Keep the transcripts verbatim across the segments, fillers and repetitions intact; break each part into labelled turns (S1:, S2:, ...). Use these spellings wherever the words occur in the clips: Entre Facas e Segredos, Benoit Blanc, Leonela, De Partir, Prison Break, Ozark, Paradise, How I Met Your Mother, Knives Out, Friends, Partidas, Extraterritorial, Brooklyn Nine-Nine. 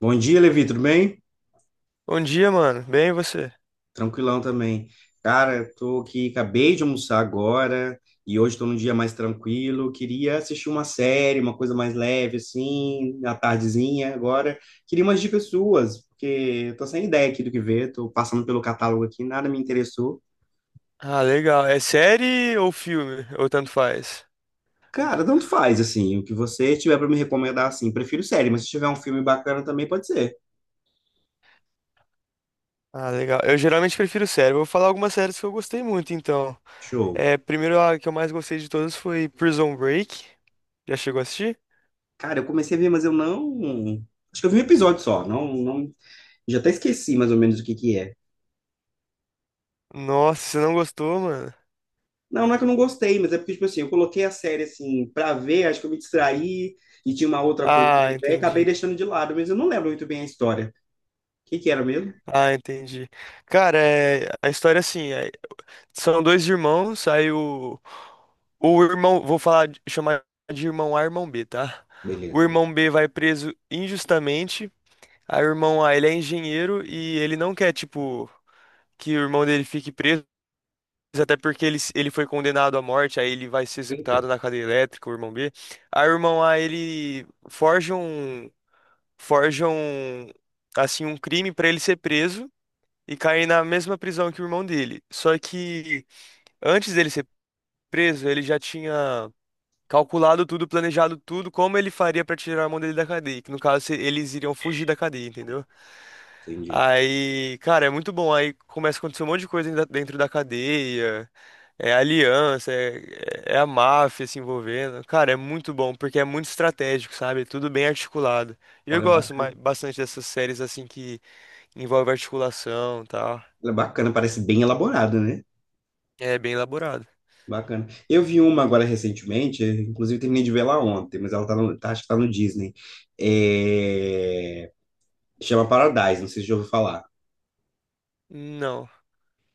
S1: Bom dia, Levi, tudo bem?
S2: Bom dia, mano. Bem, e você?
S1: Tranquilão também. Cara, eu tô aqui, acabei de almoçar agora e hoje estou num dia mais tranquilo. Queria assistir uma série, uma coisa mais leve, assim, na tardezinha agora. Queria umas dicas suas, porque eu tô sem ideia aqui do que ver, tô passando pelo catálogo aqui, nada me interessou.
S2: Ah, legal. É série ou filme? Ou tanto faz?
S1: Cara, tanto faz, assim, o que você tiver para me recomendar, assim, prefiro série, mas se tiver um filme bacana também pode ser.
S2: Ah, legal. Eu geralmente prefiro série. Vou falar algumas séries que eu gostei muito, então.
S1: Show.
S2: É, primeiro, a que eu mais gostei de todas foi Prison Break. Já chegou a assistir?
S1: Cara, eu comecei a ver, mas eu não. Acho que eu vi um episódio só, não, não... Já até esqueci mais ou menos o que que é.
S2: Nossa, você não gostou, mano?
S1: Não, não é que eu não gostei, mas é porque, tipo assim, eu coloquei a série, assim, pra ver, acho que eu me distraí e tinha uma outra coisa pra
S2: Ah,
S1: ver, e acabei
S2: entendi.
S1: deixando de lado, mas eu não lembro muito bem a história. O que que era mesmo?
S2: Ah, entendi. Cara, é, a história é assim, é, são dois irmãos, aí o, o irmão, vou falar, de- chamar de irmão A e irmão B, tá? O
S1: Beleza.
S2: irmão B vai preso injustamente. Aí o irmão lá, ele é engenheiro e ele não quer, tipo, que o irmão dele fique preso, até porque ele, ele foi condenado à morte, aí ele vai ser
S1: Eita,
S2: executado na cadeia elétrica, o irmão B. Aí o irmão lá, ele forja um, forja um, assim, um crime pra ele ser preso e cair na mesma prisão que o irmão dele. Só que antes dele ser preso, ele já tinha calculado tudo, planejado tudo, como ele faria pra tirar o irmão dele da cadeia, que no caso se- eles iriam fugir da cadeia, entendeu?
S1: entendi.
S2: Aí, cara, é muito bom. Aí começa a acontecer um monte de coisa ainda dentro da cadeia, é aliança, é, é é a máfia se envolvendo. Cara, é muito bom, porque é muito estratégico, sabe? É tudo bem articulado. E eu
S1: Olha,
S2: gosto ma-
S1: bacana.
S2: bastante dessas séries assim que envolve articulação e tal.
S1: Ela é bacana, parece bem elaborada, né?
S2: É bem elaborado.
S1: Bacana. Eu vi uma agora recentemente, inclusive terminei de ver ela ontem, mas ela tá no, tá, acho que tá no Disney. É... Chama Paradise, não sei se já ouviu falar.
S2: Não.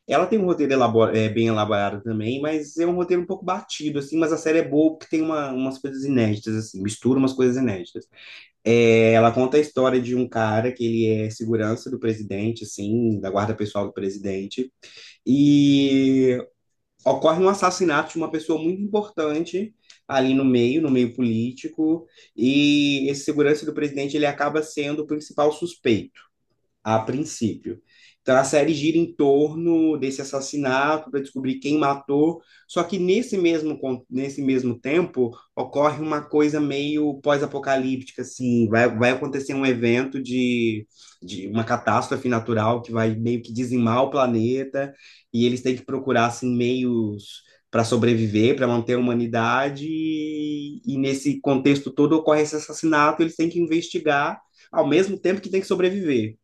S1: Ela tem um roteiro elabora- é, bem elaborado também, mas é um roteiro um pouco batido, assim, mas a série é boa porque tem uma- umas coisas inéditas, assim, mistura umas coisas inéditas. É, ela conta a história de um cara que ele é segurança do presidente, assim, da guarda pessoal do presidente, e ocorre um assassinato de uma pessoa muito importante ali no meio, no meio político, e esse segurança do presidente, ele acaba sendo o principal suspeito a princípio. Então a série gira em torno desse assassinato para descobrir quem matou, só que nesse mesmo, con- nesse mesmo tempo ocorre uma coisa meio pós-apocalíptica, assim, vai, vai acontecer um evento de, de uma catástrofe natural que vai meio que dizimar o planeta e eles têm que procurar assim, meios para sobreviver, para manter a humanidade, e, e nesse contexto todo ocorre esse assassinato, eles têm que investigar ao mesmo tempo que têm que sobreviver.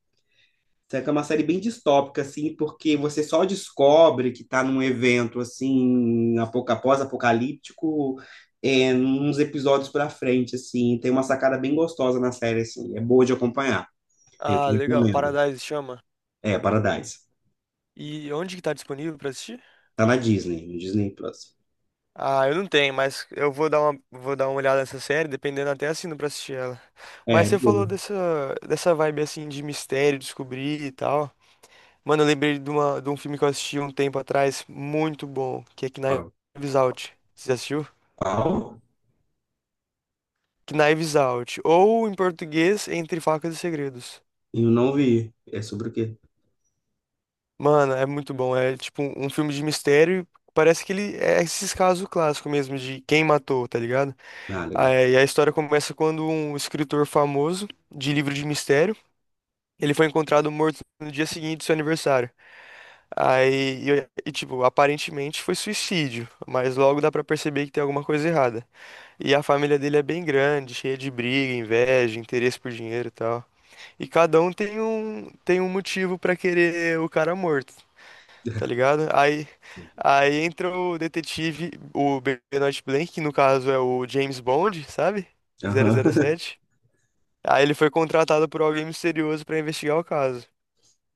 S1: Só que é uma série bem distópica, assim, porque você só descobre que está num evento, assim, apoca- pós-apocalíptico, é, uns episódios pra frente, assim. Tem uma sacada bem gostosa na série, assim. É boa de acompanhar. Eu te
S2: Ah, legal.
S1: recomendo.
S2: Paradise chama.
S1: É, Paradise.
S2: E onde que tá disponível pra assistir?
S1: Tá na Disney, no Disney Plus.
S2: Ah, eu não tenho, mas eu vou dar uma, vou dar uma olhada nessa série, dependendo até assino pra assistir ela.
S1: É,
S2: Mas
S1: é
S2: você falou
S1: boa.
S2: dessa, dessa vibe assim de mistério, descobrir e tal. Mano, eu lembrei de, uma, de um filme que eu assisti um tempo atrás, muito bom, que é
S1: Qual?
S2: Knives Out. Você já assistiu?
S1: Qual?
S2: Knives Out. Ou em português, Entre Facas e Segredos.
S1: Eu não vi. É sobre o quê?
S2: Mano, é muito bom. É tipo um um filme de mistério. Parece que ele é esses casos clássicos mesmo de quem matou, tá ligado?
S1: Ah,
S2: Ah,
S1: legal.
S2: é, E a história começa quando um escritor famoso de livro de mistério, ele foi encontrado morto no dia seguinte do seu aniversário. Aí, e, e, tipo, aparentemente foi suicídio, mas logo dá pra perceber que tem alguma coisa errada. E a família dele é bem grande, cheia de briga, inveja, interesse por dinheiro e tal. E cada um tem um tem um motivo pra querer o cara morto, tá ligado? Aí aí entra o detetive, o Benoit Blanc, que no caso é o James Bond, sabe? zero zero
S1: Aham.
S2: sete Aí ele foi contratado por alguém misterioso pra investigar o caso.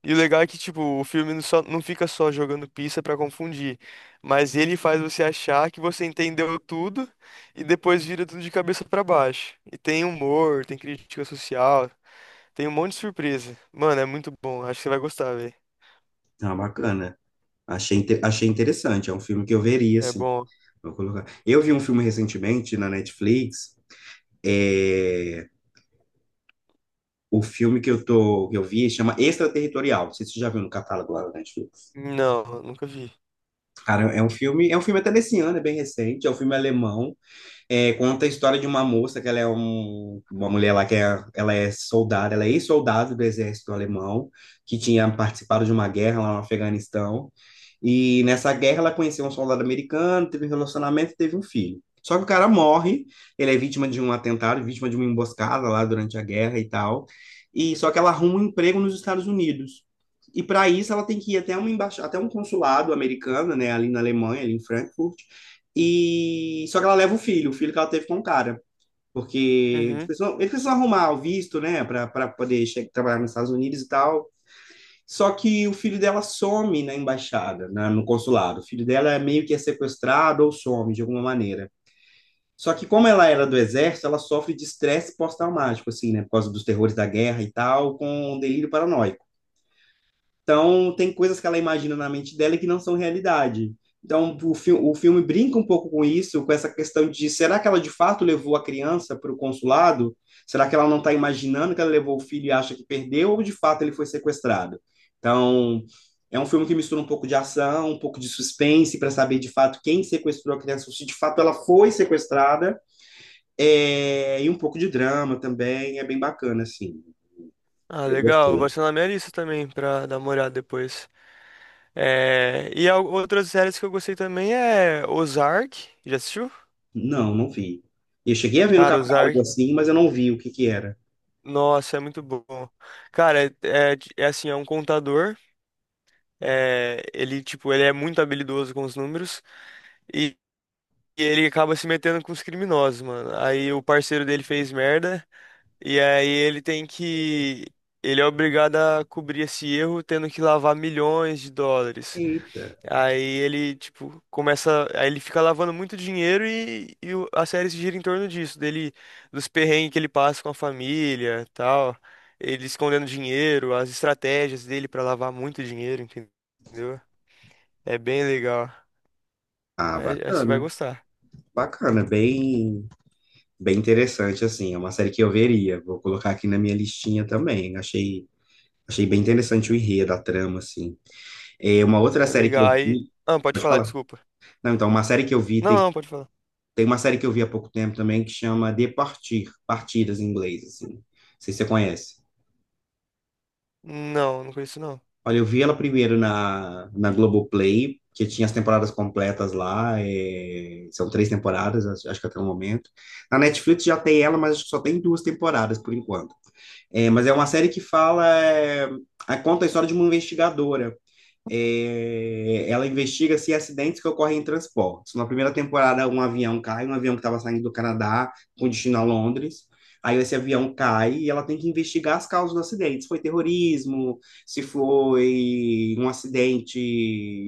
S2: E o legal é que, tipo, o filme não, só, não fica só jogando pista pra confundir, mas ele faz você achar que você entendeu tudo e depois vira tudo de cabeça pra baixo. E tem humor, tem crítica social, tem um monte de surpresa. Mano, é muito bom, acho que você vai gostar, velho.
S1: Ah, bacana. Achei, inte- achei interessante. É um filme que eu veria,
S2: É
S1: assim.
S2: bom.
S1: Vou colocar. Eu vi um filme recentemente na Netflix. É, o filme que eu tô, que eu vi chama Extraterritorial. Não sei se você já viu no catálogo lá da Netflix.
S2: Não, nunca vi.
S1: Cara, é um filme, é um filme até desse ano, é bem recente, é um filme alemão. É, conta a história de uma moça que ela é um, uma mulher lá que é, ela é soldada, ela é ex-soldada do exército alemão, que tinha participado de uma guerra lá no Afeganistão. E nessa guerra ela conheceu um soldado americano, teve um relacionamento e teve um filho. Só que o cara morre, ele é vítima de um atentado, vítima de uma emboscada lá durante a guerra e tal. E só que ela arruma um emprego nos Estados Unidos. E para isso ela tem que ir até uma embaixa, até um consulado americano, né, ali na Alemanha, ali em Frankfurt, e só que ela leva o filho, o filho que ela teve com o cara, porque eles
S2: Uhum.
S1: precisam, eles precisam arrumar o visto, né, para poder che- trabalhar nos Estados Unidos e tal. Só que o filho dela some na embaixada, na- no consulado. O filho dela é meio que é sequestrado ou some de alguma maneira. Só que como ela era do exército, ela sofre de estresse pós-traumático, assim, né, por causa dos terrores da guerra e tal, com um delírio paranoico. Então, tem coisas que ela imagina na mente dela que não são realidade. Então, o, fi o filme brinca um pouco com isso, com essa questão de será que ela de fato levou a criança para o consulado? Será que ela não está imaginando que ela levou o filho e acha que perdeu, ou de fato ele foi sequestrado? Então, é um filme que mistura um pouco de ação, um pouco de suspense, para saber de fato quem sequestrou a criança, se de fato ela foi sequestrada, é... e um pouco de drama também, é bem bacana, assim.
S2: Ah,
S1: Eu
S2: legal, vou
S1: gostei.
S2: adicionar na minha lista também pra dar uma olhada depois. É... E al- outras séries que eu gostei também é Ozark, já assistiu?
S1: Não, não vi. Eu cheguei a ver no
S2: Cara, usar.
S1: catálogo assim, mas eu não vi o que que era.
S2: Nossa, é muito bom. Cara, é, é assim, é um contador. É, ele, tipo, ele é muito habilidoso com os números e, e ele acaba se metendo com os criminosos, mano. Aí o parceiro dele fez merda e aí ele tem que. Ele é obrigado a cobrir esse erro, tendo que lavar milhões de dólares.
S1: Eita.
S2: Aí ele, tipo, começa. Aí ele fica lavando muito dinheiro e, e o- a série se gira em torno disso, dele, dos perrengues que ele passa com a família, tal. Ele escondendo dinheiro, as estratégias dele pra lavar muito dinheiro, entendeu? É bem legal.
S1: Ah,
S2: Mas é, acho que você vai
S1: bacana.
S2: gostar.
S1: Bacana, bem, bem interessante assim. É uma série que eu veria. Vou colocar aqui na minha listinha também. Achei, achei bem interessante o enredo, a trama assim. É uma outra
S2: É
S1: série que eu
S2: legal. Aí.
S1: vi,
S2: Ah, pode
S1: pode
S2: falar,
S1: falar.
S2: desculpa.
S1: Não, então uma série que eu vi
S2: Não,
S1: tem
S2: não, pode falar.
S1: tem uma série que eu vi há pouco tempo também que chama De Partir, Partidas em inglês assim. Não sei se você conhece.
S2: Não, não conheço não.
S1: Olha, eu vi ela primeiro na, na Globoplay, que tinha as temporadas completas lá, é, são três temporadas, acho, acho que até o momento. Na Netflix já tem ela, mas acho que só tem duas temporadas por enquanto. É, mas é uma série que fala, é, a- conta a história de uma investigadora é, ela investiga se acidentes que ocorrem em transportes. Na primeira temporada, um avião cai, um avião que estava saindo do Canadá com destino a Londres. Aí esse avião cai e ela tem que investigar as causas do acidente. Se foi terrorismo, se foi um acidente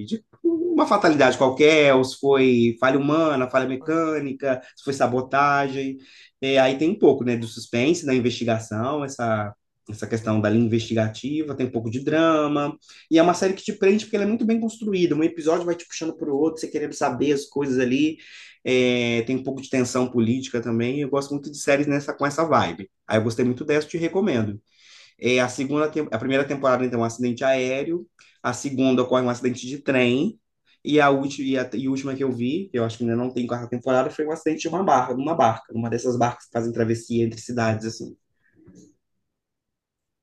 S1: de uma fatalidade qualquer, ou se foi falha humana, falha mecânica, se foi sabotagem. É, aí tem um pouco, né, do suspense, da investigação, essa essa questão da linha investigativa, tem um pouco de drama, e é uma série que te prende porque ela é muito bem construída. Um episódio vai te puxando para o outro, você querendo saber as coisas ali. É, tem um pouco de tensão política também. Eu gosto muito de séries nessa, com essa vibe. Aí eu gostei muito dessa, te recomendo. É, a segunda, tem- a primeira temporada então é um acidente aéreo, a segunda ocorre um acidente de trem. E a, última, e a e a última que eu vi, que eu acho que ainda não tem quarta temporada, foi um acidente de uma barca, uma barca, uma dessas barcas que fazem travessia entre cidades, assim.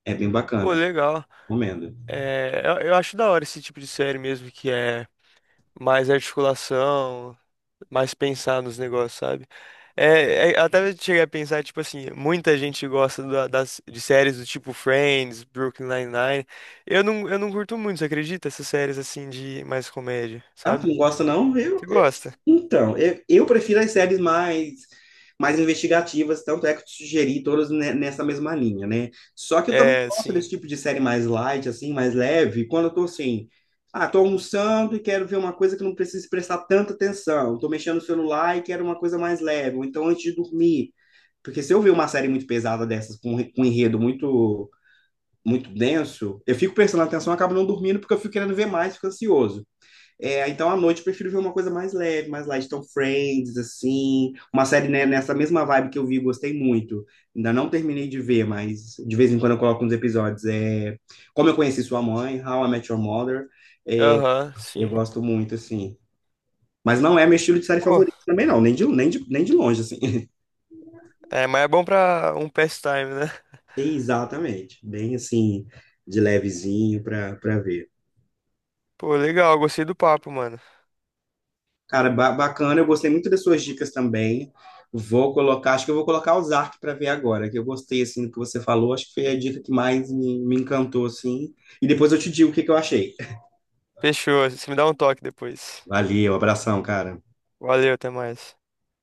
S1: É bem
S2: Pô,
S1: bacana,
S2: legal.
S1: recomendo.
S2: É, eu, eu acho da hora esse tipo de série mesmo, que é mais articulação. Mais pensar nos negócios, sabe? É, é, até eu cheguei a pensar, tipo assim, muita gente gosta da- das, de séries do tipo Friends, Brooklyn Nine-Nine. Eu não, eu não curto muito, você acredita? Essas séries assim de mais comédia,
S1: Ah, tu
S2: sabe?
S1: não gosta não? Eu,
S2: Você
S1: eu-
S2: gosta?
S1: então, eu, eu prefiro as séries mais, mais investigativas, tanto é que eu te sugeri todas ne- nessa mesma linha, né? Só que eu também
S2: É,
S1: gosto
S2: sim.
S1: desse tipo de série mais light, assim, mais leve, quando eu tô assim, ah, tô almoçando e quero ver uma coisa que não precise prestar tanta atenção, tô mexendo no celular e quero uma coisa mais leve, ou então antes de dormir. Porque se eu ver uma série muito pesada dessas, com, re- com um enredo muito, muito denso, eu fico prestando atenção, eu acabo não dormindo porque eu fico querendo ver mais, fico ansioso. É, então, à noite, eu prefiro ver uma coisa mais leve, mais light. Então, Friends, assim, uma série né, nessa mesma vibe que eu vi, gostei muito. Ainda não terminei de ver, mas de vez em quando eu coloco uns episódios. É, Como Eu Conheci Sua Mãe, How I Met Your Mother. É,
S2: Aham,
S1: eu
S2: sim.
S1: gosto muito, assim. Mas não é meu estilo de série
S2: Pô,
S1: favorito também, não. Nem de, nem de, nem de longe, assim.
S2: é, mas é bom pra um pastime, né?
S1: Exatamente. Bem, assim, de levezinho pra, pra ver.
S2: Pô, legal, gostei do papo, mano.
S1: Cara, ba- bacana, eu gostei muito das suas dicas também. Vou colocar, acho que eu vou colocar Ozark para ver agora, que eu gostei assim do que você falou, acho que foi a dica que mais me, me encantou assim. E depois eu te digo o que que eu achei.
S2: Fechou, você me dá um toque depois.
S1: Valeu, abração, cara.
S2: Valeu, até mais.